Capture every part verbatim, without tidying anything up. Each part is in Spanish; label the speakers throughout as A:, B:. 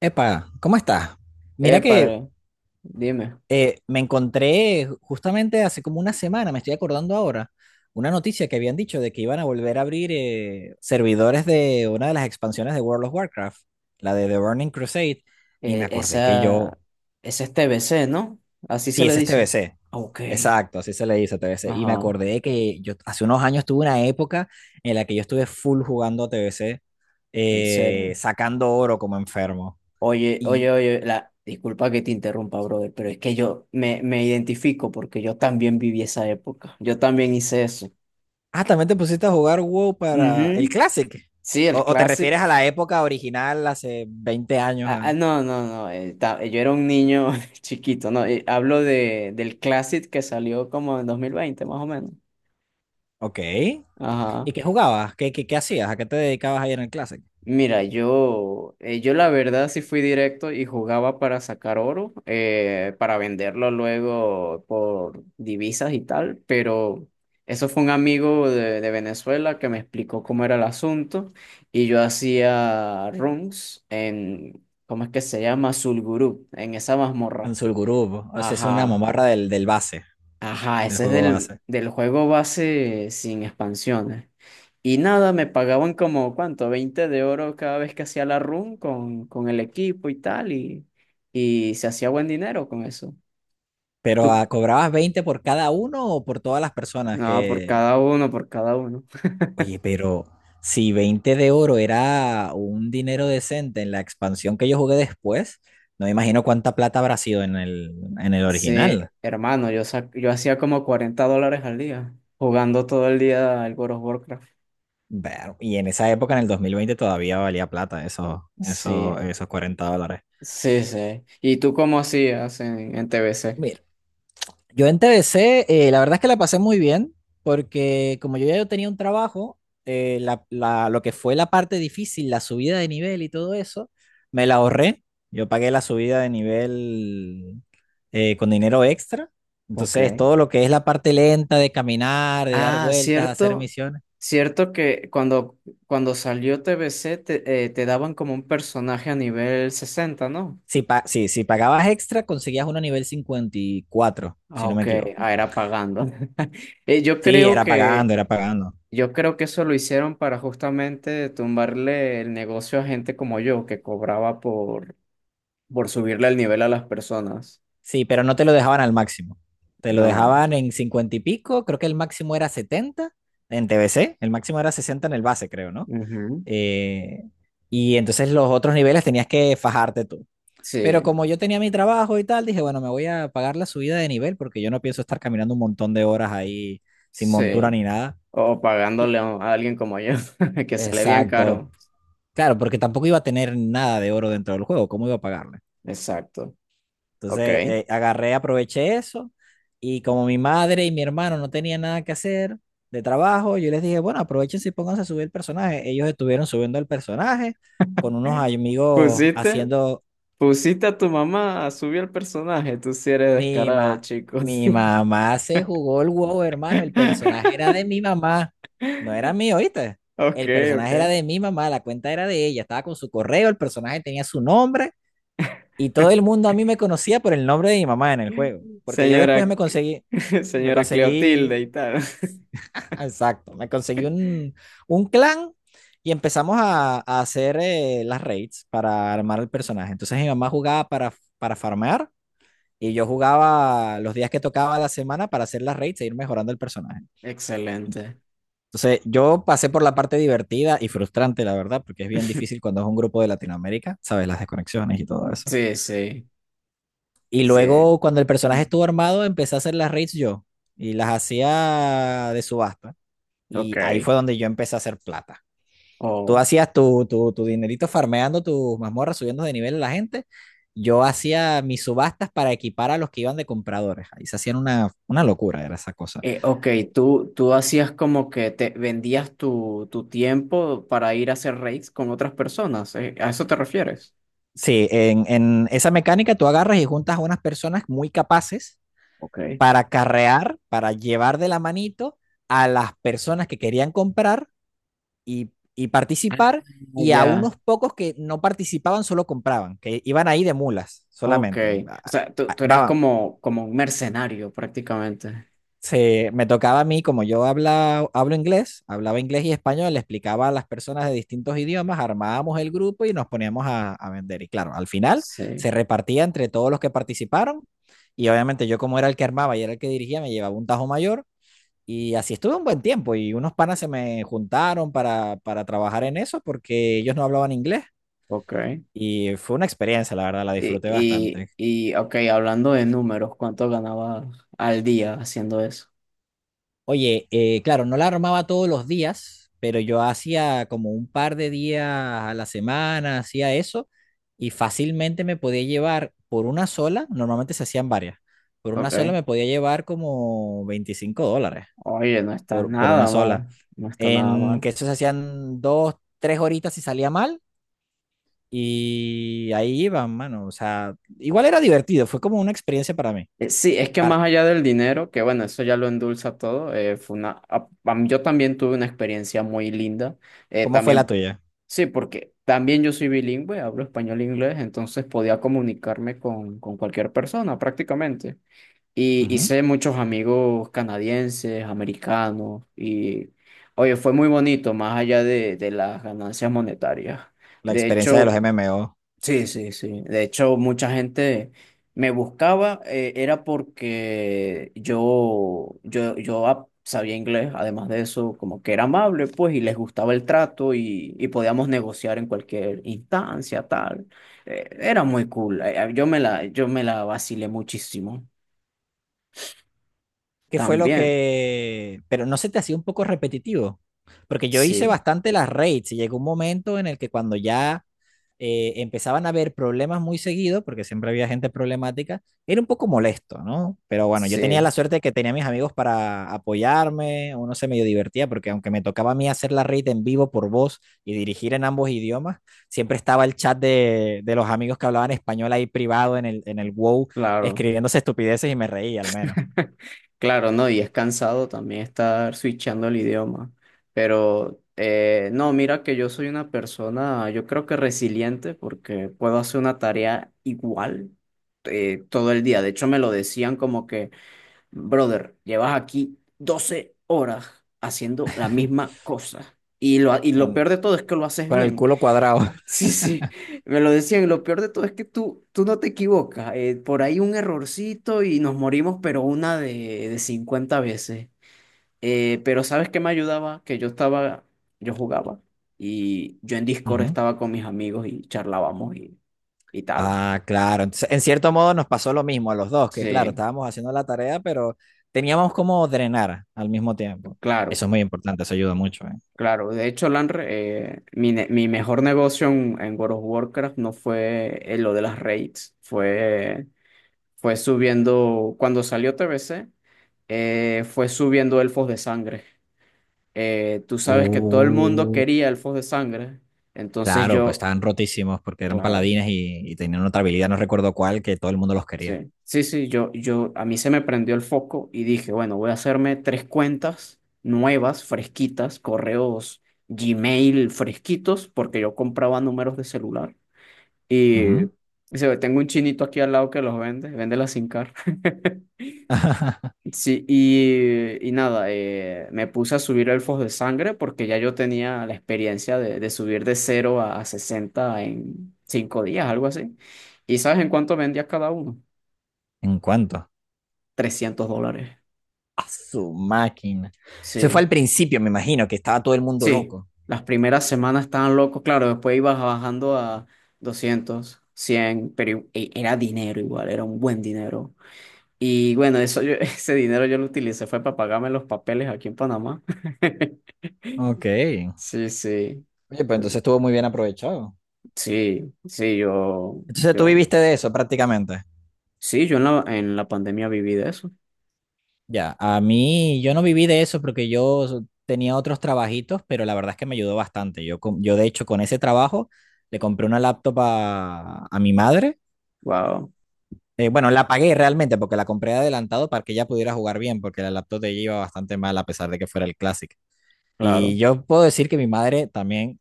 A: Epa, ¿cómo estás? Mira
B: Epa,
A: que
B: dime.
A: eh, me encontré justamente hace como una semana, me estoy acordando ahora, una noticia que habían dicho de que iban a volver a abrir eh, servidores de una de las expansiones de World of Warcraft, la de The Burning Crusade, y me
B: eh,
A: acordé que
B: esa,
A: yo,
B: esa es T B C, ¿no? Así se
A: sí,
B: le
A: ese es
B: dice.
A: T B C,
B: Ok,
A: exacto, así se le dice T B C, y me
B: ajá,
A: acordé que yo hace unos años tuve una época en la que yo estuve full jugando a T B C,
B: en
A: eh,
B: serio.
A: sacando oro como enfermo.
B: Oye, oye, oye, la, disculpa que te interrumpa, brother, pero es que yo me, me identifico porque yo también viví esa época. Yo también hice eso.
A: Ah, también te pusiste a jugar WoW para el
B: Ujú.
A: Classic.
B: Sí,
A: ¿O,
B: el
A: o te
B: clásico.
A: refieres a la época original, hace veinte años?
B: Ah, ah,
A: ¿Ah?
B: no, no, no, eh, ta- yo era un niño chiquito. No, eh, Hablo de, del Classic que salió como en dos mil veinte, más o menos.
A: Ok.
B: Ajá.
A: ¿Y qué jugabas? ¿Qué, qué, qué hacías? ¿A qué te dedicabas ahí en el Classic?
B: Mira, yo, eh, yo la verdad sí fui directo y jugaba para sacar oro, eh, para venderlo luego por divisas y tal. Pero eso fue un amigo de, de Venezuela que me explicó cómo era el asunto, y yo hacía runs en, ¿cómo es que se llama? Sulgurú, en esa
A: En
B: mazmorra.
A: Sulgurub. O sea, es una
B: Ajá.
A: mamarra del, del base,
B: Ajá,
A: del
B: ese es
A: juego
B: del,
A: base.
B: del juego base sin expansiones. Y nada, me pagaban como, ¿cuánto? Veinte de oro cada vez que hacía la run con, con el equipo y tal, y, y se hacía buen dinero con eso.
A: Pero ah,
B: Tú,
A: ¿cobrabas veinte por cada uno o por todas las personas
B: no, por
A: que...
B: cada uno, por cada uno.
A: Oye, pero si veinte de oro era un dinero decente en la expansión que yo jugué después, no me imagino cuánta plata habrá sido en el, en el
B: Sí,
A: original.
B: hermano, yo, sa- yo hacía como cuarenta dólares al día, jugando todo el día al World of Warcraft.
A: Ver, y en esa época, en el dos mil veinte todavía valía plata esos, esos,
B: Sí,
A: esos cuarenta dólares.
B: sí, sí. ¿Y tú cómo hacías en, en T B C?
A: Mira, yo en T B C, eh, la verdad es que la pasé muy bien, porque como yo ya yo tenía un trabajo, eh, la- la- lo que fue la parte difícil, la subida de nivel y todo eso, me la ahorré. Yo pagué la subida de nivel eh, con dinero extra.
B: Ok.
A: Entonces, todo lo que es la parte lenta de caminar, de dar
B: Ah,
A: vueltas, hacer
B: cierto,
A: misiones.
B: cierto que cuando, cuando salió T B C te, eh, te daban como un personaje a nivel sesenta, ¿no?
A: Si, pa- si, si pagabas extra, conseguías uno a nivel cincuenta y cuatro si
B: Ah,
A: no me
B: ok,
A: equivoco.
B: ah, era pagando. Eh, yo
A: Sí,
B: creo
A: era
B: que,
A: pagando, era pagando.
B: yo creo que eso lo hicieron para justamente tumbarle el negocio a gente como yo, que cobraba por, por subirle el nivel a las personas.
A: Sí, pero no te lo dejaban al máximo. Te lo
B: No.
A: dejaban en cincuenta y pico, creo que el máximo era setenta en T B C, el máximo era sesenta en el base, creo, ¿no?
B: Ujú.
A: Eh, y entonces los otros niveles tenías que fajarte tú. Pero
B: Sí,
A: como yo tenía mi trabajo y tal, dije, bueno, me voy a pagar la subida de nivel porque yo no pienso estar caminando un montón de horas ahí sin montura
B: sí.
A: ni nada.
B: O
A: Y-
B: pagándole a a alguien como yo, que sale bien
A: Exacto.
B: caro.
A: Claro, porque tampoco iba a tener nada de oro dentro del juego, ¿cómo iba a pagarle?
B: Exacto. Ok.
A: Entonces eh, agarré, aproveché eso y como mi madre y mi hermano no tenían nada que hacer de trabajo, yo les dije, bueno, aprovechen y pónganse a subir el personaje. Ellos estuvieron subiendo el personaje con unos amigos
B: Pusiste,
A: haciendo...
B: pusiste a tu
A: oh,
B: mamá a subir el personaje. Tú sí eres
A: Mi,
B: descarado,
A: ma-
B: chicos.
A: mi mamá se jugó el huevo, hermano. El personaje era de mi mamá, no era mío, ¿oíste?
B: Ok,
A: El
B: ok.
A: personaje era de mi mamá, la cuenta era de ella. Estaba con su correo, el personaje tenía su nombre. Y todo el mundo a mí me conocía por el nombre de mi mamá en el juego, porque yo después
B: Señora,
A: me conseguí, me
B: señora
A: conseguí,
B: Cleotilde y tal.
A: exacto, me conseguí un, un clan y empezamos a, a hacer eh, las raids para armar el personaje. Entonces mi mamá jugaba para, para farmear y yo jugaba los días que tocaba la semana para hacer las raids e ir mejorando el personaje.
B: Excelente.
A: Entonces yo pasé por la parte divertida y frustrante, la verdad, porque es bien difícil cuando es un grupo de Latinoamérica, sabes, las desconexiones y todo eso.
B: Sí, sí,
A: Y
B: sí.
A: luego, cuando el personaje estuvo armado, empecé a hacer las raids yo y las hacía de subasta.
B: Ok.
A: Y ahí fue donde yo empecé a hacer plata. Tú
B: Oh.
A: hacías tu, tu, tu dinerito farmeando tus mazmorras, subiendo de nivel a la gente. Yo hacía mis subastas para equipar a los que iban de compradores. Ahí se hacían una, una locura, era esa cosa.
B: Eh, ok, tú, tú hacías como que te vendías tu, tu tiempo para ir a hacer raids con otras personas. Eh, ¿a eso te refieres?
A: Sí, en, en esa mecánica tú agarras y juntas a unas personas muy capaces
B: Ok.
A: para carrear, para llevar de la manito a las personas que querían comprar y, y participar
B: Ah,
A: y a
B: ya.
A: unos pocos que no participaban solo compraban, que iban ahí de mulas
B: Ok,
A: solamente.
B: o
A: Ah,
B: sea, tú,
A: ah,
B: tú eras
A: Daban,
B: como, como un mercenario prácticamente.
A: se, me tocaba a mí, como yo habla, hablo inglés, hablaba inglés y español, le explicaba a las personas de distintos idiomas, armábamos el grupo y nos poníamos a, a, vender. Y claro, al final
B: Sí,
A: se repartía entre todos los que participaron y obviamente yo como era el que armaba y era el que dirigía, me llevaba un tajo mayor. Y así estuve un buen tiempo y unos panas se me juntaron para, para trabajar en eso porque ellos no hablaban inglés.
B: ok.
A: Y fue una experiencia, la verdad, la
B: Y,
A: disfruté
B: y,
A: bastante.
B: y, ok, hablando de números, ¿cuánto ganabas al día haciendo eso?
A: Oye, eh, claro, no la armaba todos los días, pero yo hacía como un par de días a la semana, hacía eso, y fácilmente me podía llevar por una sola, normalmente se hacían varias, por una
B: Ok.
A: sola me podía llevar como veinticinco dólares,
B: Oye, no está
A: por, por una
B: nada
A: sola.
B: mal, no está nada
A: En
B: mal.
A: que eso se hacían dos, tres horitas si salía mal, y ahí iban, mano. O sea, igual era divertido, fue como una experiencia para mí.
B: Eh, Sí, es que más
A: Para,
B: allá del dinero, que bueno, eso ya lo endulza todo. Eh, fue una, a- am- yo también tuve una experiencia muy linda, eh,
A: ¿cómo fue la
B: también,
A: tuya?
B: sí, porque también yo soy bilingüe, hablo español e inglés, entonces podía comunicarme con, con cualquier persona prácticamente. Y hice muchos amigos canadienses, americanos, y oye, fue muy bonito, más allá de, de las ganancias monetarias.
A: La
B: De
A: experiencia de los
B: hecho,
A: M M O.
B: sí, sí, sí. De hecho, mucha gente me buscaba, eh, era porque yo, yo, yo ap- sabía inglés, además de eso, como que era amable, pues, y les gustaba el trato y, y podíamos negociar en cualquier instancia, tal. Eh, era muy cool. Eh, eh, Yo me la, yo me la vacilé muchísimo.
A: ¿Qué fue lo
B: También.
A: que...? Pero no se te hacía un poco repetitivo. Porque yo hice
B: Sí,
A: bastante las raids y llegó un momento en el que cuando ya eh, empezaban a haber problemas muy seguido, porque siempre había gente problemática, era un poco molesto, ¿no? Pero bueno, yo tenía la
B: sí,
A: suerte de que tenía a mis amigos para apoyarme, uno se medio divertía, porque aunque me tocaba a mí hacer la red en vivo por voz y dirigir en ambos idiomas, siempre estaba el chat de, de los amigos que hablaban español ahí privado en el, en el WoW,
B: claro.
A: escribiéndose estupideces y me reía al menos,
B: Claro, no, y es cansado también estar switchando el idioma. Pero eh, no, mira que yo soy una persona, yo creo que resiliente porque puedo hacer una tarea igual eh, todo el día. De hecho, me lo decían como que, brother, llevas aquí doce horas haciendo la misma cosa. Y lo, y lo
A: con,
B: peor de todo es que lo haces
A: con el
B: bien.
A: culo cuadrado.
B: Sí, sí, me lo decían. Y lo peor de todo es que tú, tú no te equivocas. Eh, por ahí un errorcito y nos morimos, pero una de, de cincuenta veces. Eh, pero ¿sabes qué me ayudaba? Que yo estaba, yo jugaba y yo en Discord
A: Ujú.
B: estaba con mis amigos y charlábamos y, y tal.
A: Ah, claro. Entonces, en cierto modo nos pasó lo mismo a los dos, que claro,
B: Sí,
A: estábamos haciendo la tarea, pero teníamos como drenar al mismo tiempo.
B: claro,
A: Eso es muy importante, eso ayuda mucho, ¿eh?
B: claro. De hecho, Lanre, eh, mi, ne- mi mejor negocio en, en World of Warcraft no fue eh, lo de las raids, fue. Fue subiendo, cuando salió T B C, eh, fue subiendo Elfos de Sangre. Eh, tú sabes que todo el mundo
A: Uh,
B: quería Elfos de Sangre, entonces
A: claro, pues
B: yo,
A: estaban rotísimos porque eran
B: claro,
A: paladines y, y tenían otra habilidad, no recuerdo cuál, que todo el mundo los quería.
B: sí, sí, sí, yo, yo, a mí se me prendió el foco y dije, bueno, voy a hacerme tres cuentas nuevas, fresquitas, correos Gmail fresquitos, porque yo compraba números de celular y, y
A: Ujú.
B: se ve, tengo un chinito aquí al lado que los vende, vende la SIM card. Sí, y, y nada, eh, me puse a subir elfos de sangre porque ya yo tenía la experiencia de, de subir de cero a a sesenta en cinco días, algo así. ¿Y sabes en cuánto vendía cada uno?
A: ¿En cuánto?
B: Trescientos dólares.
A: A su máquina. Eso fue
B: Sí,
A: al principio, me imagino, que estaba todo el mundo
B: sí.
A: loco.
B: Las primeras semanas estaban locos, claro, después ibas bajando a doscientos cien, pero i- e, era dinero igual, era un buen dinero. Y bueno, eso yo- ese dinero yo lo utilicé fue para pagarme los papeles aquí en Panamá.
A: Ok. Oye,
B: Sí, sí,
A: pues entonces estuvo muy bien aprovechado.
B: sí, sí, yo,
A: Entonces tú
B: yo,
A: viviste de eso prácticamente.
B: sí, yo en la, en la pandemia viví de eso.
A: Ya, a mí yo no viví de eso porque yo tenía otros trabajitos, pero la verdad es que me ayudó bastante. Yo, con- yo de hecho con ese trabajo le compré una laptop a, a mi madre.
B: Wow,
A: Eh, bueno, la pagué realmente porque la compré adelantado para que ella pudiera jugar bien, porque la laptop de ella iba bastante mal a pesar de que fuera el Classic. Y
B: claro.
A: yo puedo decir que mi madre también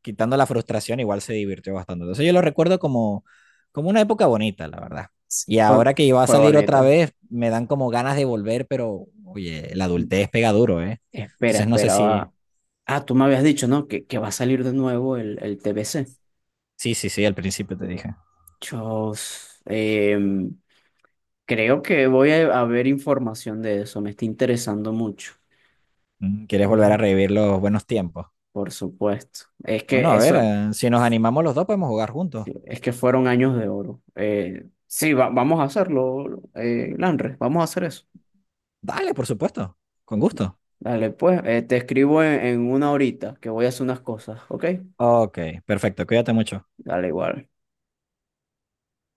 A: quitando la frustración, igual se divirtió bastante. Entonces yo lo recuerdo como, como una época bonita, la verdad.
B: S-
A: Y
B: fue,
A: ahora que iba a
B: fue
A: salir otra
B: bonita.
A: vez, me dan como ganas de volver, pero oye, la adultez pega duro, ¿eh?
B: Espera,
A: Entonces no sé si...
B: esperaba. Ah, tú me habías dicho, ¿no? Que, que va a salir de nuevo el, el T B C.
A: Sí, sí, sí, al principio te dije.
B: Yo em, creo que voy a, a ver información de eso. Me está interesando mucho.
A: Mm, ¿quieres volver a
B: Ujú.
A: revivir los buenos tiempos?
B: Por supuesto. Es
A: Bueno,
B: que
A: a ver,
B: eso,
A: eh, si nos animamos los dos podemos jugar juntos.
B: es que fueron años de oro. Eh, sí, va- vamos a hacerlo, eh, Landre, vamos a hacer eso.
A: Dale, por supuesto, con gusto.
B: Dale, pues, eh, te escribo en, en una horita que voy a hacer unas cosas, ¿ok?
A: Ok, perfecto, cuídate mucho.
B: Dale igual.